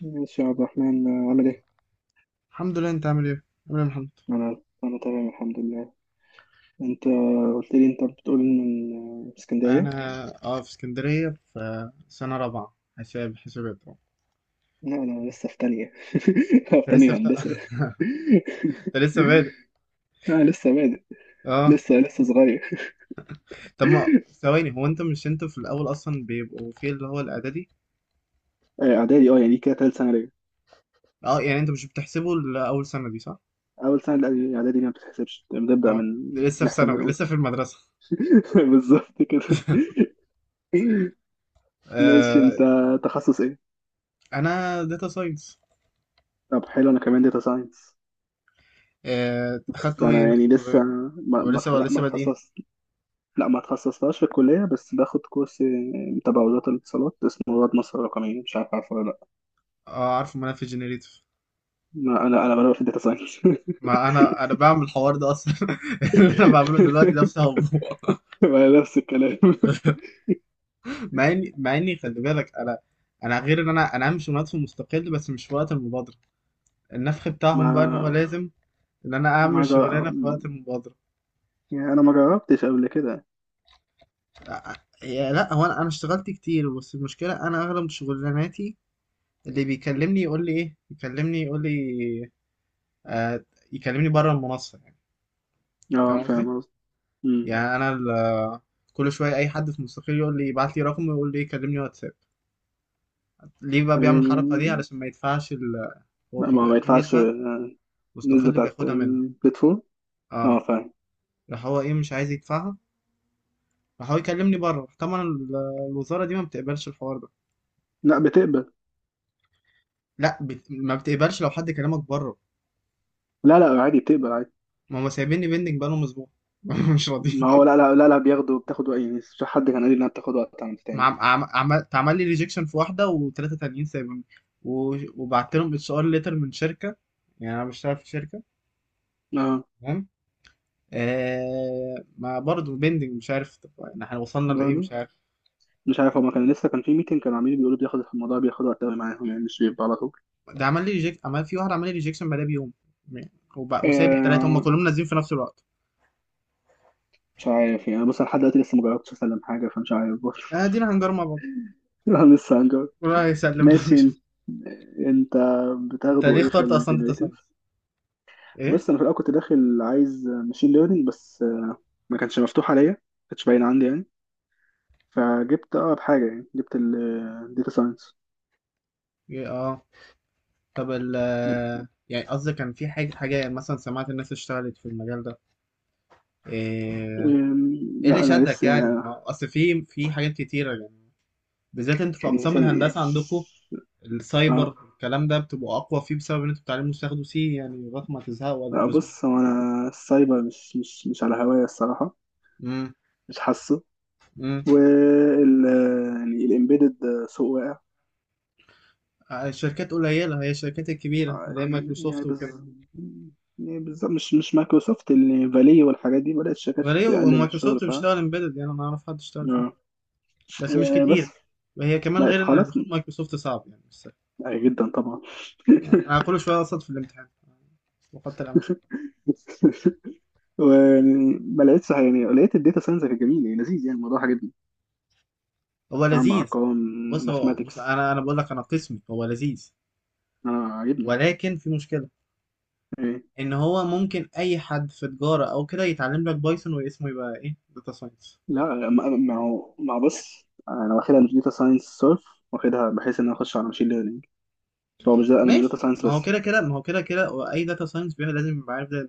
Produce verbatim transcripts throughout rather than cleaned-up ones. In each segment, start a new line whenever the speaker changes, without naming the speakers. ماشي يا عبد الرحمن آه، عامل ايه؟
الحمد لله، انت عامل ايه؟ عامل ايه يا محمد؟
انا انا تمام الحمد لله. انت قلت لي انت بتقول من آه، اسكندرية؟
انا الحمد لله اه، في اسكندريه في سنه رابعه حساب حسابات اه.
لا، انا لسه في تانية. في
انت لسه
تانية
فت...
هندسة.
انت لسه بادئ
انا لسه بادئ،
اه.
لسه لسه صغير.
طب ما ثواني، هو انت مش انت في الاول اصلا بيبقوا في اللي هو الاعدادي؟
آه، اعدادي، اه يعني كده تالت سنة ليا.
اه يعني انت مش بتحسبه لاول سنه دي صح؟
اول سنة لأ- اعدادي دي ما بتتحسبش، بنبدأ
اه،
من،
ده لسه في
نحسب من
ثانوي
اول.
لسه في المدرسه.
بالظبط كده. ماشي
آه،
انت، تخصص ايه؟
انا داتا ساينس.
طب حلو، انا كمان داتا ساينس.
آه
بس
اخدتوا ايه
انا
انتوا في
يعني لسه
الكليه؟
ما
ولا
ما
لسه ولا
ما
لسه بادئين؟
اتخصصت. لا، ما تخصصتهاش في الكلية، بس باخد كورس آه، تبع وزارة الاتصالات اسمه رواد مصر الرقمية، مش عارف عارفه ولا لا.
اه عارف، ما انا في جنريتيف.
ما أنا أنا بلعب في الداتا ساينس.
ما انا انا بعمل الحوار ده اصلا. اللي انا بعمله دلوقتي ده بسببه.
ما نفس الكلام.
مع اني مع اني خلي بالك، انا انا غير ان انا انا عامل شغلانات في مستقل، بس مش في وقت المبادره. النفخ
ما
بتاعهم بقى ان هو لازم ان انا اعمل
ما جا...
شغلانه في وقت المبادره.
يعني أنا ما جربتش قبل كده.
لا يا- لا، هو انا انا اشتغلت كتير، بس المشكله انا اغلب شغلاناتي اللي بيكلمني يقول لي ايه، يكلمني يقول لي آه، يكلمني بره المنصه يعني.
اه
فاهم قصدي.
فاهم قصدي. أمم.
يعني انا ال- كل شويه اي حد في مستقل يقول لي يبعت لي رقم، ويقول لي كلمني واتساب. ليه بقى بيعمل الحركه دي؟
يعني
علشان ما يدفعش ال... هو
لا، ما
بيبقى
ما
في
يدفعش،
نسبه
آه، النسبة
مستقل
بتاعت
بياخدها منه.
البلاتفورم. اه
اه،
فاهم.
راح هو، ايه، مش عايز يدفعها، راح هو يكلمني بره، راح طبعا ال- الوزاره دي ما بتقبلش الحوار ده.
لا بتقبل.
لا بت... ما بتقبلش لو حد كلمك بره.
لا لا، عادي بتقبل عادي.
ما هم سايبيني بيندنج بقالهم اسبوع. مش راضيين.
ما هو لا لا لا, لا بياخدوا، بتاخد وقت، يعني مش حد كان قال لي انها بتاخد وقت عم تعمل.
عم... عم... عم... اتعمل لي ريجكشن في واحده، وثلاثه تانيين سايبيني. و... وبعت لهم اتش ار ليتر من شركه، يعني انا بشتغل في شركه
اه
تمام. آه... ما برضه بيندنج مش عارف، طب يعني احنا وصلنا لايه
برضه
مش عارف.
مش عارف، هما كان لسه كان في ميتنج، كانوا عاملين بيقولوا بياخد الموضوع، بياخد وقت قوي معاهم، يعني مش بيبقى على طول.
ده عمل لي ريجكت، عمل في واحد، عمل لي ريجكشن بعدها بيوم. وب... وسايب الثلاثه، هم
آه
كلهم نازلين في نفس الوقت.
مش عارف، يعني بص أنا لحد دلوقتي لسه ما جربتش أسلم حاجة، فمش عارف برضه.
ادينا آه، دينا هنجر مع بعض.
لا لسه هنجرب.
الله يسلم بقى.
ماشي انت، انت
انت
بتاخده
ليه
ايه في
اخترت اصلا داتا ساينس؟
الجنريتيف؟
ايه؟
بس انا في الاول كنت داخل عايز ماشين ليرنينج بس، ما كانش مفتوح عليا، ما كانش باين عندي يعني، فجبت اقرب حاجه، يعني جبت الداتا ساينس.
إيه، اه. طب ال، يعني قصدي كان في حاجه حاجه يعني، مثلا سمعت الناس اشتغلت في المجال ده؟ ايه؟ إيه اللي
لا انا
شدك
لسه
يعني؟
يعني،
ما هو اصل في في حاجات كتيره يعني، بالذات انتوا في
يعني
اقسام
ثاني-
الهندسه عندكم السايبر،
اه
الكلام ده بتبقوا اقوى فيه بسبب ان انتوا بتعلموا تاخدوا سي يعني لغايه ما تزهقوا
لا
الجروزمان.
بص، هو انا السايبر مش مش مش على هواية الصراحة،
امم.
مش حاسه.
امم.
وال، يعني الامبيدد، سوق واقع.
الشركات قليله، هي الشركات الكبيره اللي هي
يعني
مايكروسوفت وكده.
بز يعني بالظبط، مش مش مايكروسوفت اللي فالي، والحاجات دي بدأت الشركات
غريب،
تقلل الشغل
ومايكروسوفت
بتاعها.
بتشتغل امبيدد؟ يعني انا ما اعرف حد اشتغل فيه،
اه
بس مش
وبس.
كتير. وهي كمان
بقى
غير ان
خلاص،
دخول مايكروسوفت صعب، يعني مش سهل.
بقى جدا طبعا.
انا كل شويه اقصد في الامتحان وقد الامر.
ويعني ما لقيتش حاجة- يعني لقيت الداتا ساينس كان جميل، يعني لذيذ، يعني الموضوع عجبني.
هو
أعمل
لذيذ.
أرقام،
بص هو، بص،
ماثماتكس،
انا انا بقول لك انا قسمي هو لذيذ،
أنا عجبني.
ولكن في مشكله، ان هو ممكن اي حد في تجاره او كده يتعلم لك بايثون، واسمه يبقى ايه؟ داتا ساينس.
لا ما ما هو ما هو بص انا واخدها مش داتا ساينس صرف، واخدها بحيث ان انا اخش على ماشين ليرنينج. هو مش ده، انا مش داتا
ماشي،
ساينس
ما هو
بس.
كده كده ما هو كده كده واي داتا ساينس لازم يبقى عارف ده.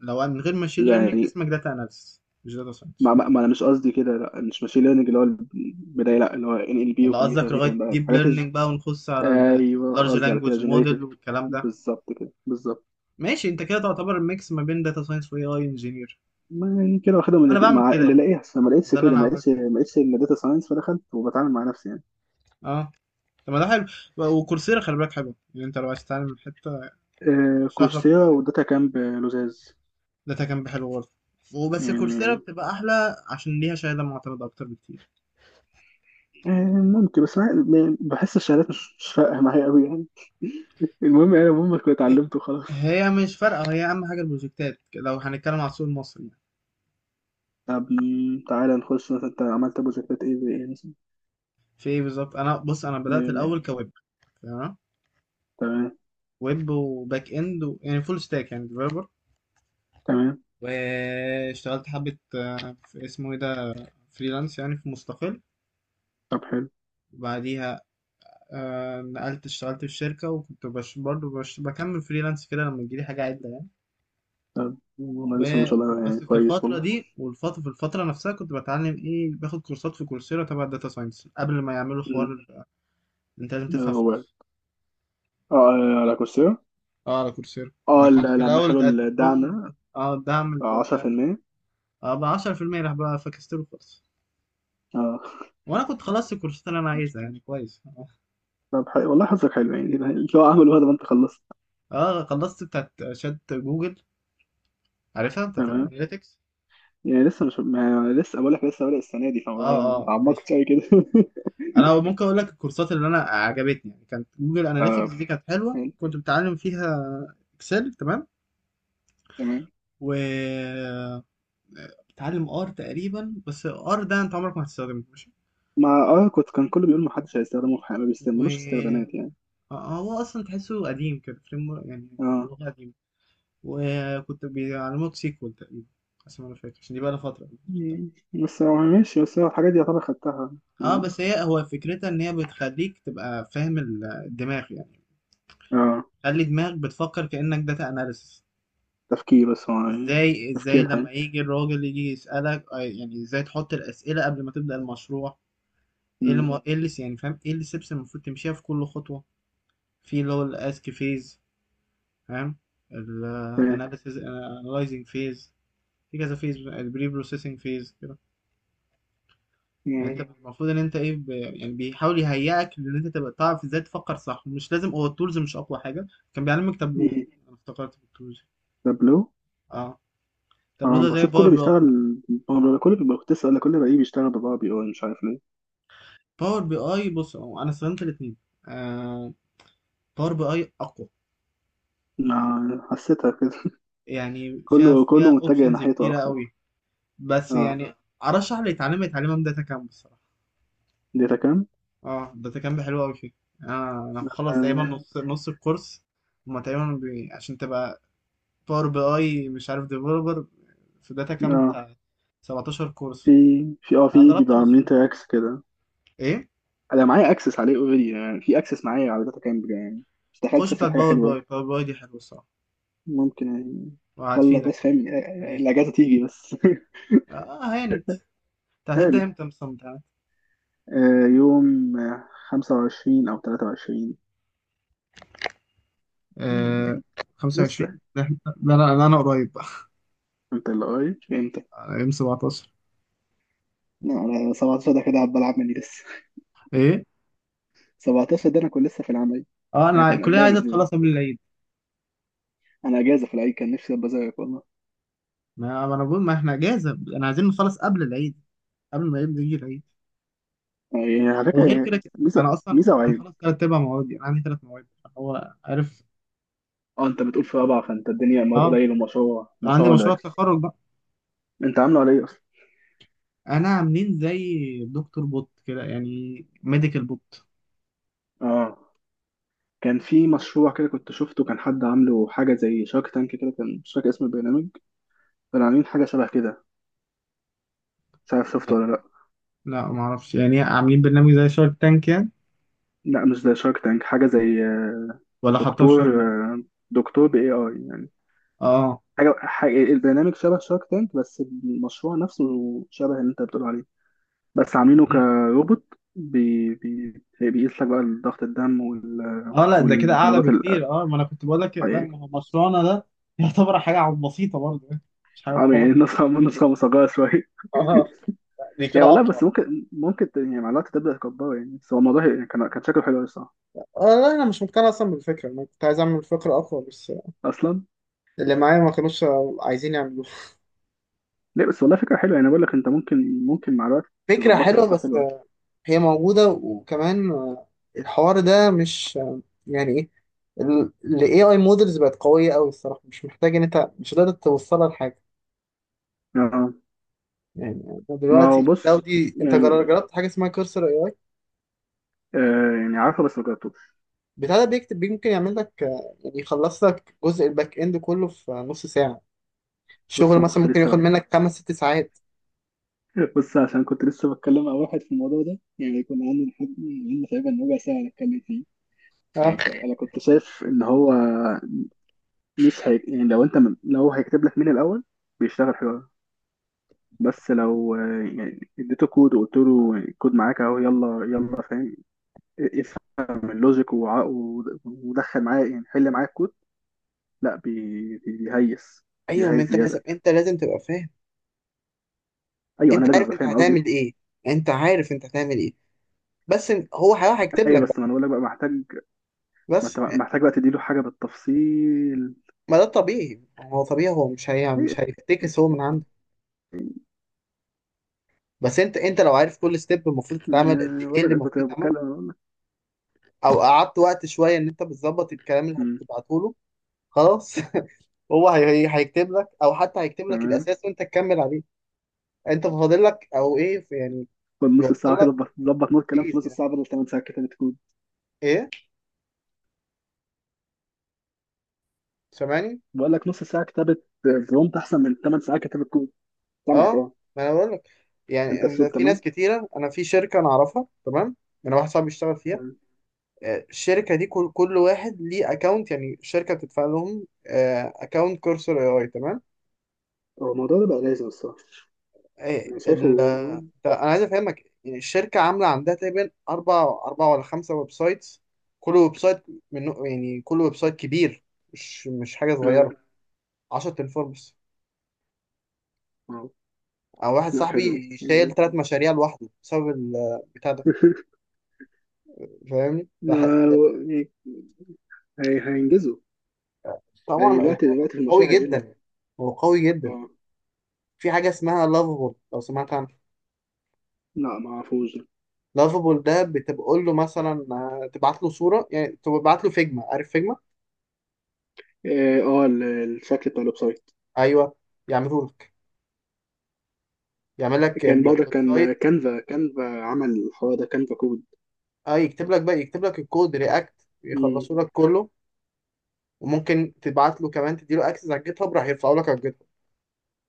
لو من غير ماشين ليرنينج
يعني
اسمك داتا اناليسيس مش داتا ساينس.
ما, ما, ما انا مش قصدي كده، لا مش ماشين ليرنينج اللي هو البدايه، لا اللي هو ان ال بي
ولا
وكمبيوتر
قصدك
فيجن
لغايه
بقى،
ديب
حاجات الج...
ليرنينج بقى ونخش على
ايوه
اللارج
قصدي على كده
لانجوج
جنريتيف.
موديل والكلام ده؟
بالظبط كده، بالظبط.
ماشي، انت كده تعتبر الميكس ما بين داتا ساينس واي اي انجينير.
ما يعني كده واخدها من
انا
الاتنين،
بعمل
مع
كده
اللي
يعني،
لاقيها. بس أنا ما
هو
لقيتش
ده اللي
كده،
انا
ما لقيتش
عملته
ما
يعني.
لقيتش الا داتا ساينس، فدخلت وبتعامل مع نفسي يعني.
اه، طب ما ده حلو. و- وكورسيرا خلي بالك حلو، يعني انت لو عايز تتعلم حته
آه
ارشح لك
كورسيرا
كورسيرا.
وداتا كامب لزاز.
داتا كان حلو برضه، وبس كورسيرا
يعني
بتبقى احلى عشان ليها شهاده معتمده اكتر بكتير.
آه، ممكن بس ما- ما- بحس الشهادات مش مش فارقة معايا أوي يعني، المهم يعني المهم كنت
إيه،
اتعلمت وخلاص.
هي مش فارقه، هي اهم حاجه البروجكتات لو هنتكلم على السوق المصري يعني.
طب م، تعالى نخش مثلا، أنت عملت بروجكتات إيه، زي إيه مثلا؟
في ايه بالظبط؟ انا بص، انا بدات
آم،
الاول كويب تمام،
تمام.
ويب وباك اند و... يعني فول ستاك يعني ديفلوبر.
تمام.
واشتغلت حبه آه، في اسمه ايه ده، فريلانس يعني في مستقل.
طب حلو.
وبعديها آه نقلت اشتغلت في شركة، وكنت بش برضه بش بكمل فريلانس كده لما تجيلي حاجة عدة يعني.
طب والله لسه ما
و-
شاء الله يعني
بس في
كويس
الفترة
والله.
دي، والفترة في الفترة نفسها كنت بتعلم ايه، باخد كورسات في كورسيرا تبع الداتا ساينس، قبل ما يعملوا
م،
حوار انت لازم
آه،
تدفع
هو آه،
فلوس.
آه، على كورسيرا.
اه على كورسيرا، ما
آه
كنت
ل-
في
لما
الأول
شالوا
تقدم
الدعم ده،
لهم اه الدعم
آه،
اللي بتاع ده.
عشرة بالمية.
اه، ب عشرة في المية راح بقى، فكستله خالص.
آه.
وانا كنت خلصت الكورسات اللي انا عايزها يعني، كويس.
طب حلو والله حظك حلو يعني. اللي هو عمله هذا، ما أنت خلصت.
اه خلصت بتاعت شات جوجل، عارفها بتاعت
تمام.
الاناليتكس.
يعني لسه مش، ما لسه بقول لك لسه بادئ السنة دي، فما
اه،
ما
اه ماشي.
اتعمقتش أوي كده.
انا ممكن اقول لك الكورسات اللي انا عجبتني، يعني كانت جوجل اناليتكس
آه
دي كانت حلوه كنت بتعلم فيها. اكسل تمام.
تمام.
و بتعلم ار تقريبا، بس ار ده انت عمرك ما هتستخدمه ماشي.
ما اه كنت، كان كله بيقول محدش هيستخدمه في حاجة، ما
و
بيستعملوش، استخدامات يعني.
آه، آه، هو اصلا تحسه قديم كده فريم يعني،
اه.
لغه قديمه. وكنت بيعلموك سيكوال تقريبا، بس انا مش فاكر عشان دي بقى لها فتره.
مم. بس هو ماشي، بس هو الحاجات دي يعتبر خدتها
اه،
يعني.
بس هي هو فكرتها ان هي بتخليك تبقى فاهم ال- الدماغ يعني،
اه
خلي دماغك بتفكر كانك داتا اناليسس.
تفكير، بس هو يعني
ازاي ازاي
تفكير
لما
الحاجة.
يجي الراجل يجي يسألك آه، يعني ازاي تحط الأسئلة قبل ما تبدأ المشروع. ايه اللي
مم.
مو- ايه اللي س- يعني فاهم ايه اللي steps المفروض تمشيها في كل خطوة، في اللي هو الاسك فيز، فاهم، ال
فاهم.
analysis، analyzing phase، في كذا فيز، البري بروسيسنج فيز كده. يعني
مم.
انت المفروض ان انت ايه ب... يعني بيحاول يهيئك ان انت تبقى تعرف ازاي تفكر صح، مش لازم هو التولز مش اقوى حاجة. كان بيعلمك تابلو،
مم.
انا افتكرت في التولز،
تابلو.
اه. تابلو
اه
ده زي
بشوف
باور
كله
بي اي.
بيشتغل. هو كله بيبقى، كنت لسه هقول لك كله بقى إيه بيشتغل، ببقى بي اي، مش عارف ليه.
باور بي اي بص، هو انا استخدمت الاثنين آه، باور بي اي اقوى،
ما حسيتها كده.
يعني فيها
كله
فيها
كله متجه
اوبشنز
ناحيته
كتيره
اكتر.
قوي. بس
اه
يعني ارشح اللي يتعلم يتعلمها من داتا كامب الصراحه.
داتا كام.
اه داتا كامب حلوه قوي فيه. آه انا مخلص تقريبا
اه.
نص نص الكورس، هما تقريبا بي... عشان تبقى باور بي اي مش عارف ديفلوبر في داتا كامب
آه.
بتاع سبعتاشر
في
كورس،
في اه
انا
في
ضربت
بيبقى عاملين
نصهم.
تراكس كده.
ايه؟
انا معايا اكسس عليه اوريدي، يعني في اكسس معايا على داتا كامب يعني، استحاله
خش
تشوف لي
بتاعت
حاجه
باور بي
حلوه.
اي، باور بي اي دي حلوه الصراحه
ممكن يعني، خلص بس
وهتفيدك.
فاهم آه،
لذيذ.
الاجازه تيجي بس.
اه هانت، انت هتبدا
ثالث،
امتى مثلا؟
آه، يوم آه، خمسة وعشرين او تلاتة وعشرين. مم،
آه
لسه.
خمسة وعشرين. لا إحنا- لا لا لا، انا قريب بقى.
انت اللي قريب امتى؟
يوم سبعتاشر.
لا انا سبعتاشر ده كده هبقى العب مني لسه.
ايه
سبعة عشر ده انا كنت لسه في العمل،
اه،
يعني
انا
كنا
الكليه
قبلها
عايزه
باسبوع.
تخلص قبل العيد.
انا اجازه في العيد كان نفسي ابقى زيك والله.
ما ما انا بقول ما احنا اجازه، انا عايزين نخلص قبل العيد، قبل ما يبدا يجي العيد.
يعني على فكره
وغير
يعني
كده كده،
ميزه،
انا اصلا
ميزه
انا
وعيب.
مخلص ثلاث ارباع موادي، انا عندي ثلاث مواد. هو عارف.
اه انت بتقول في رابعه، فانت الدنيا مواد
اه،
قليل، ومشروع، مشروع
عندي
ولا؟
مشروع التخرج بقى.
انت عامله على ايه؟
انا عاملين زي دكتور بوت كده يعني، ميديكال بوت.
اه كان في مشروع كده كنت شفته، كان حد عامله حاجة زي شارك تانك كده، كان مش فاكر اسم البرنامج، كانوا عاملين حاجة شبه كده، مش عارف شفته ولا لأ.
لا ما اعرفش، يعني عاملين برنامج زي شارك تانك يعني؟
لأ مش زي شارك تانك، حاجة زي آه،
ولا حطوها في شارك
دكتور،
تانك؟
آه، دكتور ب إيه آي يعني،
اه،
حاجة حاجة البرنامج شبه شارك تانك، بس المشروع نفسه شبه اللي أنت بتقول عليه، بس عاملينه كروبوت. بي بي بيقيس لك بقى ضغط الدم وال-
اه، لا ده كده اعلى
والضمادات ال-
بكتير، اه، ما انا كنت بقول لك،
آه،
لا،
يعني،
ما هو مشروعنا ده يعتبر حاجه عم بسيطه برضه يعني، مش حاجه
آه، يعني
خالص.
النسخة، النسخة مصغرة شوية.
اه دي كده
يعني والله، بس
اقوى.
ممكن ممكن ت- يعني مع الوقت تبدا تكبره يعني، بس هو الموضوع هي- كان كان شكله حلو أوي الصراحه
آه، لا انا مش مقتنع اصلا بالفكره، انا كنت عايز اعمل فكره اقوى، بس
اصلا.
اللي معايا ما كانوش عايزين يعملوها.
ليه بس، والله فكره حلوه، يعني بقول لك انت ممكن ممكن مع الوقت
فكره
تظبطها
حلوه
تبقى
بس
حلوه.
هي موجوده. وكمان الحوار ده مش يعني ايه، ال إيه آي مودلز بقت قويه قوي الصراحه، مش محتاج ان انت مش قادر توصلها لحاجه.
اه
يعني أنت
ما هو
دلوقتي، لو
بص،
دي انت جر-
يعني
جربت حاجه اسمها كورسر؟
آه يعني عارفه بس ما جربتوش.
بتاع ده بيكتب، يمكن يعمل لك آه، يعني يخلص لك جزء الباك اند كله في نص ساعة،
بص
الشغل
هو
مثلا
كنت
ممكن
لسه
ياخد
بك...
منك خمس ست ساعات.
بص عشان كنت لسه بتكلم مع واحد في الموضوع ده، يعني كنا قعدنا نحب، قعدنا تقريبا ربع ساعه نتكلم فيه.
اه،
يعني ك- انا كنت شايف ان هو مش هي... يعني لو انت م... لو هو هيكتب لك مين الاول، بيشتغل حلو أوي. بس لو آه، يعني اديته كود وقلت له الكود معاك اهو، يلا يلا فاهم، افهم اللوجيك وع- ود- ودخل معاه، يعني حل معاه الكود. لا بي- بي- بيهيس،
ايوه، ما
بيهيس
انت لازم،
زياده.
انت لازم تبقى فاهم،
ايوه انا
انت
لازم
عارف
ابقى
انت
فاهم قصدي.
هتعمل ايه، انت عارف انت هتعمل ايه، بس إن- هو هيروح هيكتب لك
ايوه
بقى.
بس ما انا بقول لك بقى محتاج، ما انت
بس
محتاج بقى تديله حاجه بالتفصيل.
ما ده طبيعي، هو طبيعي، هو مش هي مش
إيه.
هيفتكس هو من عنده، بس انت انت لو عارف كل ستيب المفروض تتعمل قد
آه،
ايه
بقول
اللي
لك كنت
المفروض يتعمل،
بتكلم بقول لك.
او قعدت وقت شويه ان انت بتظبط الكلام اللي
مم.
هتبعته له. خلاص. هو هي- هي- هيكتب لك، او حتى هيكتب لك
تمام.
الاساس وانت تكمل عليه. انت فاضل لك او ايه في- يعني
خد نص
بيوصل
ساعه كده
لك،
ظبط، ظبط نوت كلام في
بيز
نص
يعني.
ساعه بدل تمن ساعات كتابه كود.
ايه، سامعني؟
بقول لك نص ساعه كتابه برومت احسن من ثمان ساعات كتابه كود. سامعك
اه،
اه.
ما انا بقول لك، يعني
انت
إن
الصوت
في ناس
تمام.
كتيره، انا في شركه انا اعرفها تمام، انا واحد صاحبي بيشتغل فيها.
تمام.
آه، الشركه دي كل كل واحد ليه اكونت، يعني الشركه بتدفع لهم اكونت كورسر اي اي، تمام؟
هو الموضوع ده بقى لازم الصراحه،
إيه
انا شايفه.
ال ده، انا عايز افهمك، يعني الشركه عامله عندها تقريبا اربع اربع ولا خمسه ويب سايتس، كل ويب سايت منه يعني كل ويب سايت كبير، مش مش حاجه
اه
صغيره، عشرة تنفور بس.
اه.
انا واحد
لا حلو
صاحبي
يعني.
شايل ثلاث مشاريع لوحده بسبب البتاع ده. فاهمني
لا،
راح-
يعني هي- هينجزوا. هي
طبعا،
دلوقتي، دلوقتي في
قوي
المشروع هيقل.
جدا، هو قوي جدا.
اه
في حاجه اسمها لافابول، لو سمعت عنها؟
لا ما اعرفوش ده.
لافابول ده بتقول له مثلا آه، تبعت له صوره، يعني تبعت له فيجما، عارف فيجما؟
اه آه، ال- الشكل بتاع الويب سايت.
ايوه. يعملوا يعمل لك
كان برضه
الويب سايت.
كان كانفا، كانفا عمل الحوار ده، كانفا كود.
اه يكتب لك بقى، يكتب لك الكود رياكت،
مم.
يخلصوا لك كله. وممكن تبعت له كمان، تديله اكسس على الجيت هاب راح يرفعوا لك على الجيت هاب.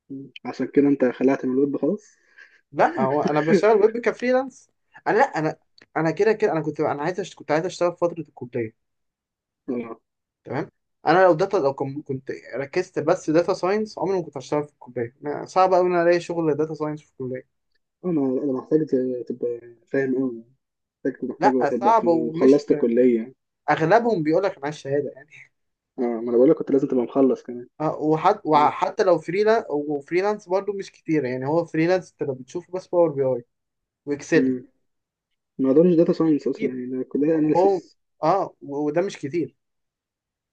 مم. عشان كده انت خلعت من الويب خلاص.
لا هو انا بشتغل ويب كفريلانس. انا، لا انا، انا كده كده انا كنت انا عايز أشت- كنت عايز اشتغل في فتره الكليه
اه
تمام. انا لو داتا لو كم- كنت ركزت بس داتا ساينس، عمري ما كنت هشتغل في الكليه، ما- صعب قوي ان أنا الاقي شغل داتا ساينس في الكليه.
انا انا محتاج ت- تبقى فاهم قوي. محتاج
لا،
محتاج تبقى
صعب
في
ومش،
وخلصت كلية.
اغلبهم بيقول لك معايا الشهاده.
اه ما انا بقول لك كنت لازم تبقى مخلص كمان.
آه، وحت... وحتى لو فريلانس، وفريلانس برضو مش كتير يعني، هو فريلانس انت لو بتشوفه بس باور بي اي واكسل
مم. ما اقدرش داتا ساينس اصلا
كتير،
يعني، ده كلها
هو
اناليسس.
اه، و- وده مش كتير.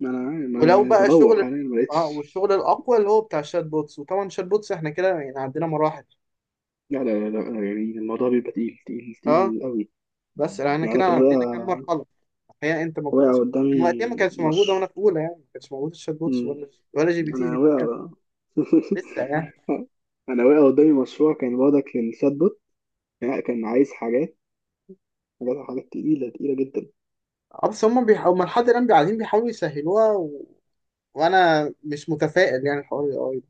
ما انا عارف- ما
ولو
أنا
بقى
بدور
شغل،
حاليا ما
اه،
لقيتش.
والشغل الاقوى اللي هو بتاع الشات بوتس، وطبعا الشات بوتس احنا كده يعني عندنا مراحل.
لا لا لا لا، يعني الموضوع بيبقى تقيل تقيل
اه،
تقيل قوي.
بس احنا
يعني انا
كده
كان
عندنا كام
واقع،
مرحله. الحقيقه انت ما
واقع
كنتش من وقتها،
قدامي
ما كانتش موجوده وانا
مش.
في اولى، يعني ما كانش موجود الشات بوتس
مم.
ولا ولا جي بي تي، جي
انا
بي تي كان
واقع.
لسه يعني.
انا واقع قدامي مشروع كان واضح للشات بوت، يعني كان عايز حاجات، حاجات حاجات تقيلة تقيلة جدا.
اه، بس هم بيحاولوا، هم لحد الان قاعدين بيحاولوا يسهلوها و... وانا مش متفائل يعني الحوار ده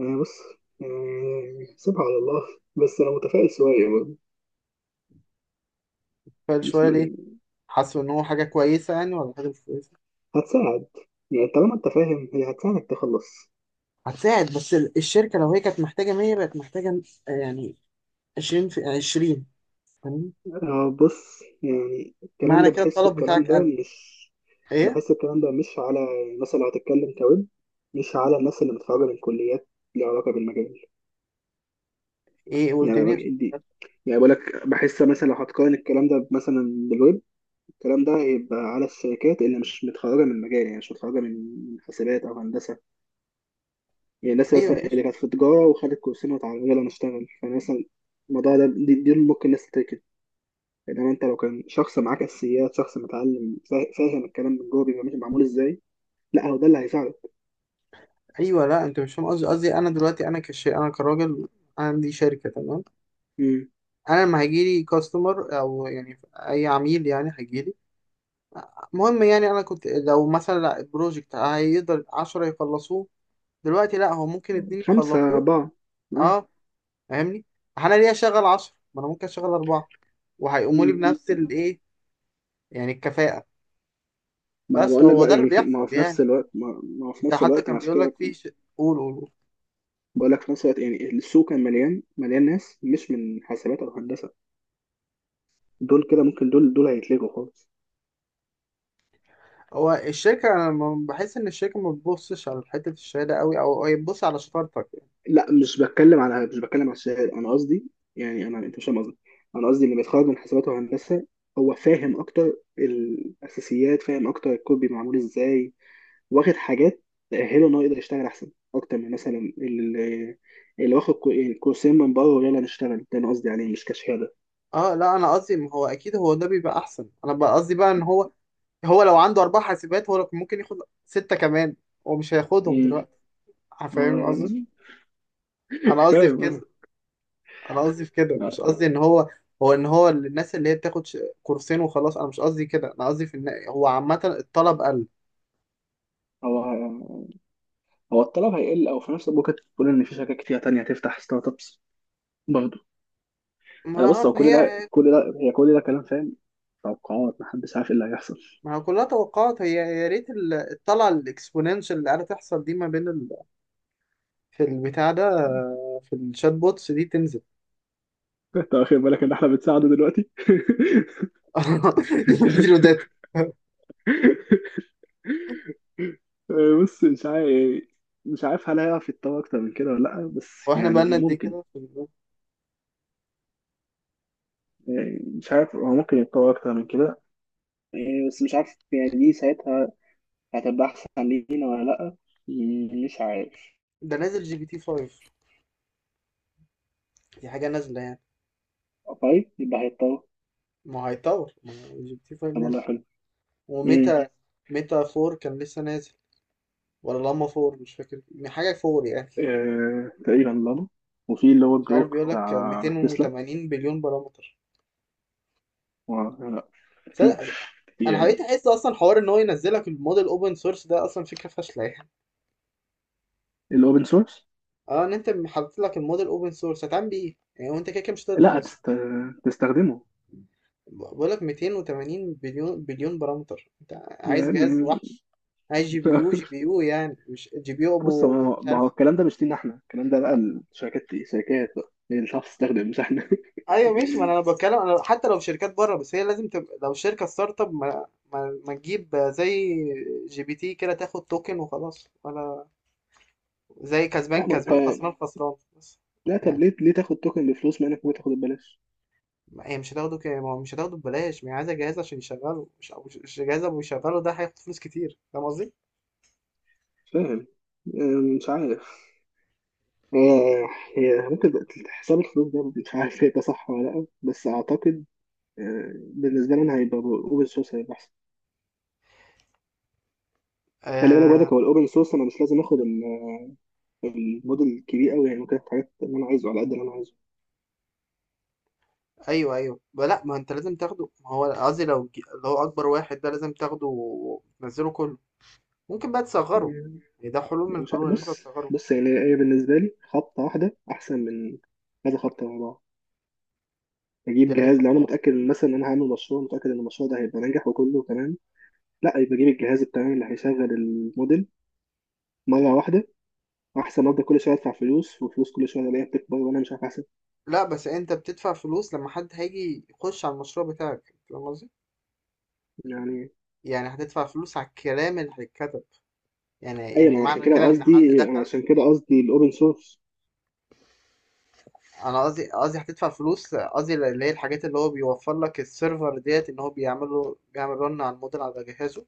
انا بص يعني سيبها على الله، بس انا متفائل شوية
فقال شوية ليه؟
برضه.
حسوا إن هو حاجة كويسة يعني ولا حاجة مش كويسة؟
هتساعد، يعني طالما انت فاهم هي هتساعدك تخلص.
هتساعد بس ال- الشركة لو هي كانت محتاجة مية بقت محتاجة آه، يعني عشرين في عشرين فاهمني؟
آه بص يعني الكلام
معنى
ده
كده
بحسه،
الطلب
الكلام
بتاعك
ده
قل.
مش،
إيه؟
بحس الكلام ده مش على الناس اللي هتتكلم كويب، مش على الناس اللي متخرجة من كليات ليها علاقة بالمجال.
إيه قول
يعني
تاني.
أنا- دي يعني، بقول لك بحس مثلا لو هتقارن الكلام ده مثلا بالويب، الكلام ده يبقى على الشركات اللي مش متخرجة من مجال، يعني مش متخرجة من حسابات أو هندسة، يعني الناس
أيوه
مثلا اللي
ماشي.
كانت في تجارة وخدت كورسين وتعالى يلا نشتغل يعني مثلا، الموضوع ده دي, دي ممكن الناس تتركز. انما انت لو كان شخص معاك اساسيات، شخص متعلم فا- فاهم الكلام من جوه بيبقى ماشي معمول ازاي. لا هو ده اللي هيساعدك.
أيوه، لا أنت مش فاهم قصدي قصدي أنا دلوقتي، أنا كش أنا كراجل عندي شركة، تمام؟
مم.
أنا لما هيجيلي كاستمر أو يعني أي عميل يعني هيجيلي، المهم يعني أنا كنت لو مثلا البروجكت هيقدر عشرة يخلصوه، دلوقتي لا هو ممكن اتنين
خمسة
يخلصوه.
أربعة. آه.
اه فاهمني، انا ليه اشغل عشرة ما انا ممكن اشغل أربعة وهيقوموا لي
مم.
بنفس الايه، يعني الكفاءة.
ما انا
بس
بقول لك
هو ده
بقى،
اللي
يعني في، ما هو
بيحصل
في نفس
يعني،
الوقت ما ما هو في
انت
نفس
حتى
الوقت
كان
مع
بيقول
كده،
لك في ش... قول قول قول.
بقول لك في نفس الوقت يعني السوق كان مليان، مليان ناس مش من حاسبات او هندسه، دول كده ممكن، دول دول هيتلغوا خالص.
هو الشركة انا لما بحس ان الشركة ما بتبصش على حتة الشهادة قوي، او هي بتبص على شطارتك يعني.
لا مش بتكلم على، مش بتكلم على الشهاده. انا قصدي يعني، انا انت مش فاهم قصدي. انا قصدي اللي بيتخرج من حسابات وهندسه هو فاهم اكتر الاساسيات، فاهم اكتر الكود بيبقى معمول ازاي، واخد حاجات تاهله ان هو يقدر يشتغل احسن اكتر من مثلا اللي، اللي واخد كو- يعني كورسين من بره ويلا نشتغل، ده انا قصدي عليه مش كشهاده.
اه لا انا قصدي، ما هو اكيد هو ده بيبقى احسن، انا بقى قصدي بقى ان هو، هو لو عنده اربع حاسبات هو لو كان ممكن ياخد ستة كمان، هو مش هياخدهم
امم
دلوقتي. فاهم قصدي، انا قصدي في
فاهم
كده.
قصدك.
انا قصدي في كده، مش
لا،
قصدي ان هو، هو ان هو الناس اللي هي بتاخد ش- كورسين وخلاص، انا مش قصدي كده، انا قصدي في ان هو عامه الطلب قل.
هو هو الطلب هيقل، او في نفس الوقت ممكن تقول ان في شركات كتير تانية هتفتح ستارت ابس برضه. انا بص،
ما
هو
ما
كل ده،
هي،
كل ده هي كل ده كلام فاهم، توقعات محدش عارف ايه اللي هيحصل.
ما هو كلها توقعات، هي يا ريت ال- الطلعه الاكسبوننشال اللي قاعده تحصل دي ما بين ال... في البتاع ده آه، في الشات بوتس دي تنزل.
انت واخد بالك ان احنا بنساعده دلوقتي.
اديله داتا.
آه، بص مش عارف، مش عارف هل هيعرف يتطور اكتر من كده ولا لا، بس
واحنا بقالنا
يعني
قد ايه
ممكن.
كده في ال-
آه، مش عارف، هو ممكن يتطور اكتر من كده. آه، بس مش عارف يعني دي ساعتها هتبقى احسن لينا ولا لا، م- مش عارف.
ده نازل جي بي تي خمسة، دي حاجه نازله يعني.
طيب يبقى هيتطور.
ما هو هيطور، ما هو جي بي تي خمسة
طب والله
نازل،
حلو. امم.
وميتا، ميتا أربعة كان لسه نازل، ولا لاما فور مش فاكر، يعني حاجة فور يعني.
آه، تقريبا لانو. وفي اللي هو
مش عارف
الجروك
بيقول لك
بتاع تسلا.
مئتين وتمانين بليون بارامتر.
و... لا
صدق- انا
في
حبيت احس اصلا حوار ان هو ينزلك الموديل اوبن سورس ده اصلا فكرة فاشلة يعني.
الاوبن سورس.
اه ان انت حاطط لك الموديل اوبن سورس هتعمل بيه ايه؟ يعني وانت كده كده مش هتقدر
لا
تنزله.
تست... تستخدمه
بقول لك مئتين وتمانين بليون بليون بارامتر، انت عايز جهاز
يعني.
وحش، عايز جي بي يو، جي بي يو يعني مش جي بي يو
بص
ابو
هو-
مش
ما هو
عارف.
الكلام ده مش لينا احنا، الكلام ده بقى الشركات، شركات بقى هي اللي تعرف تستخدم مش احنا.
ايوه ماشي، ما انا بتكلم انا حتى لو في شركات بره، بس هي لازم تبقى لو شركه ستارت اب، ما, ما, ما تجيب زي جي بي تي كده تاخد توكن وخلاص، ولا زي كسبان
لا ما انت،
كسبان خسران خسران بس.
لا طب
يعني
ليه، ليه تاخد توكن بفلوس ما انك ممكن تاخده ببلاش.
ما- هي مش هتاخده كده، ما هو مش هتاخده ببلاش، ما هي عايزه جهاز عشان يشغله، مش أو مش جهاز ابو يشغله، ده هياخد فلوس كتير، فاهم قصدي؟
مش فاهم، آه، مش عارف. آه، هي ممكن بقى حساب الفلوس ده مش عارف ده صح ولا لا، بس اعتقد آه، بالنسبه لنا هيبقى اوبن سورس، هيبقى احسن. خلي بالك
آه
برضك، هو الاوبن سورس انا مش لازم اخد الموديل الكبير قوي يعني، ممكن افتح حاجات اللي انا عايزه على قد اللي انا عايزه.
ايوه ايوه، ب- لا ما انت لازم تاخده، ما هو قصدي لو ج- اللي هو اكبر واحد ده لازم تاخده وتنزله كله. ممكن بقى تصغره،
يعني
يعني ده حلول من
مش عارف-
الحلول ان انت
بص،
تصغره.
بص يعني هي بالنسبه لي خبطه واحده احسن من كذا خبطه ورا بعض.
دي
اجيب
يعني
جهاز لو
خطه
انا
واحده.
متاكد إن مثلا انا هعمل مشروع متاكد ان المشروع ده هيبقى ناجح وكله تمام، لا يبقى اجيب الجهاز التمام اللي هيشغل الموديل مره واحده، احسن ما افضل كل شويه ادفع فلوس وفلوس، كل شويه الاقيها بتكبر وانا مش عارف احسب
لأ، بس أنت بتدفع فلوس لمّا حد هييجي يخش على المشروع بتاعك، فاهم قصدي؟
يعني.
يعني هتدفع فلوس على الكلام اللي هيتكتب، يعني
ايوه
يعني
ما أنا عشان
معنى
كده
كده إن حد
قصدي، انا
دخل.
عشان كده
ما
قصدي الاوبن سورس
أنا قصدي، قصدي هتدفع فلوس، قصدي اللي هي الحاجات اللي هو بيوفّر لك السيرفر ديّة، إن هو بيعمل له بيعمل run على الmodel على جهازه.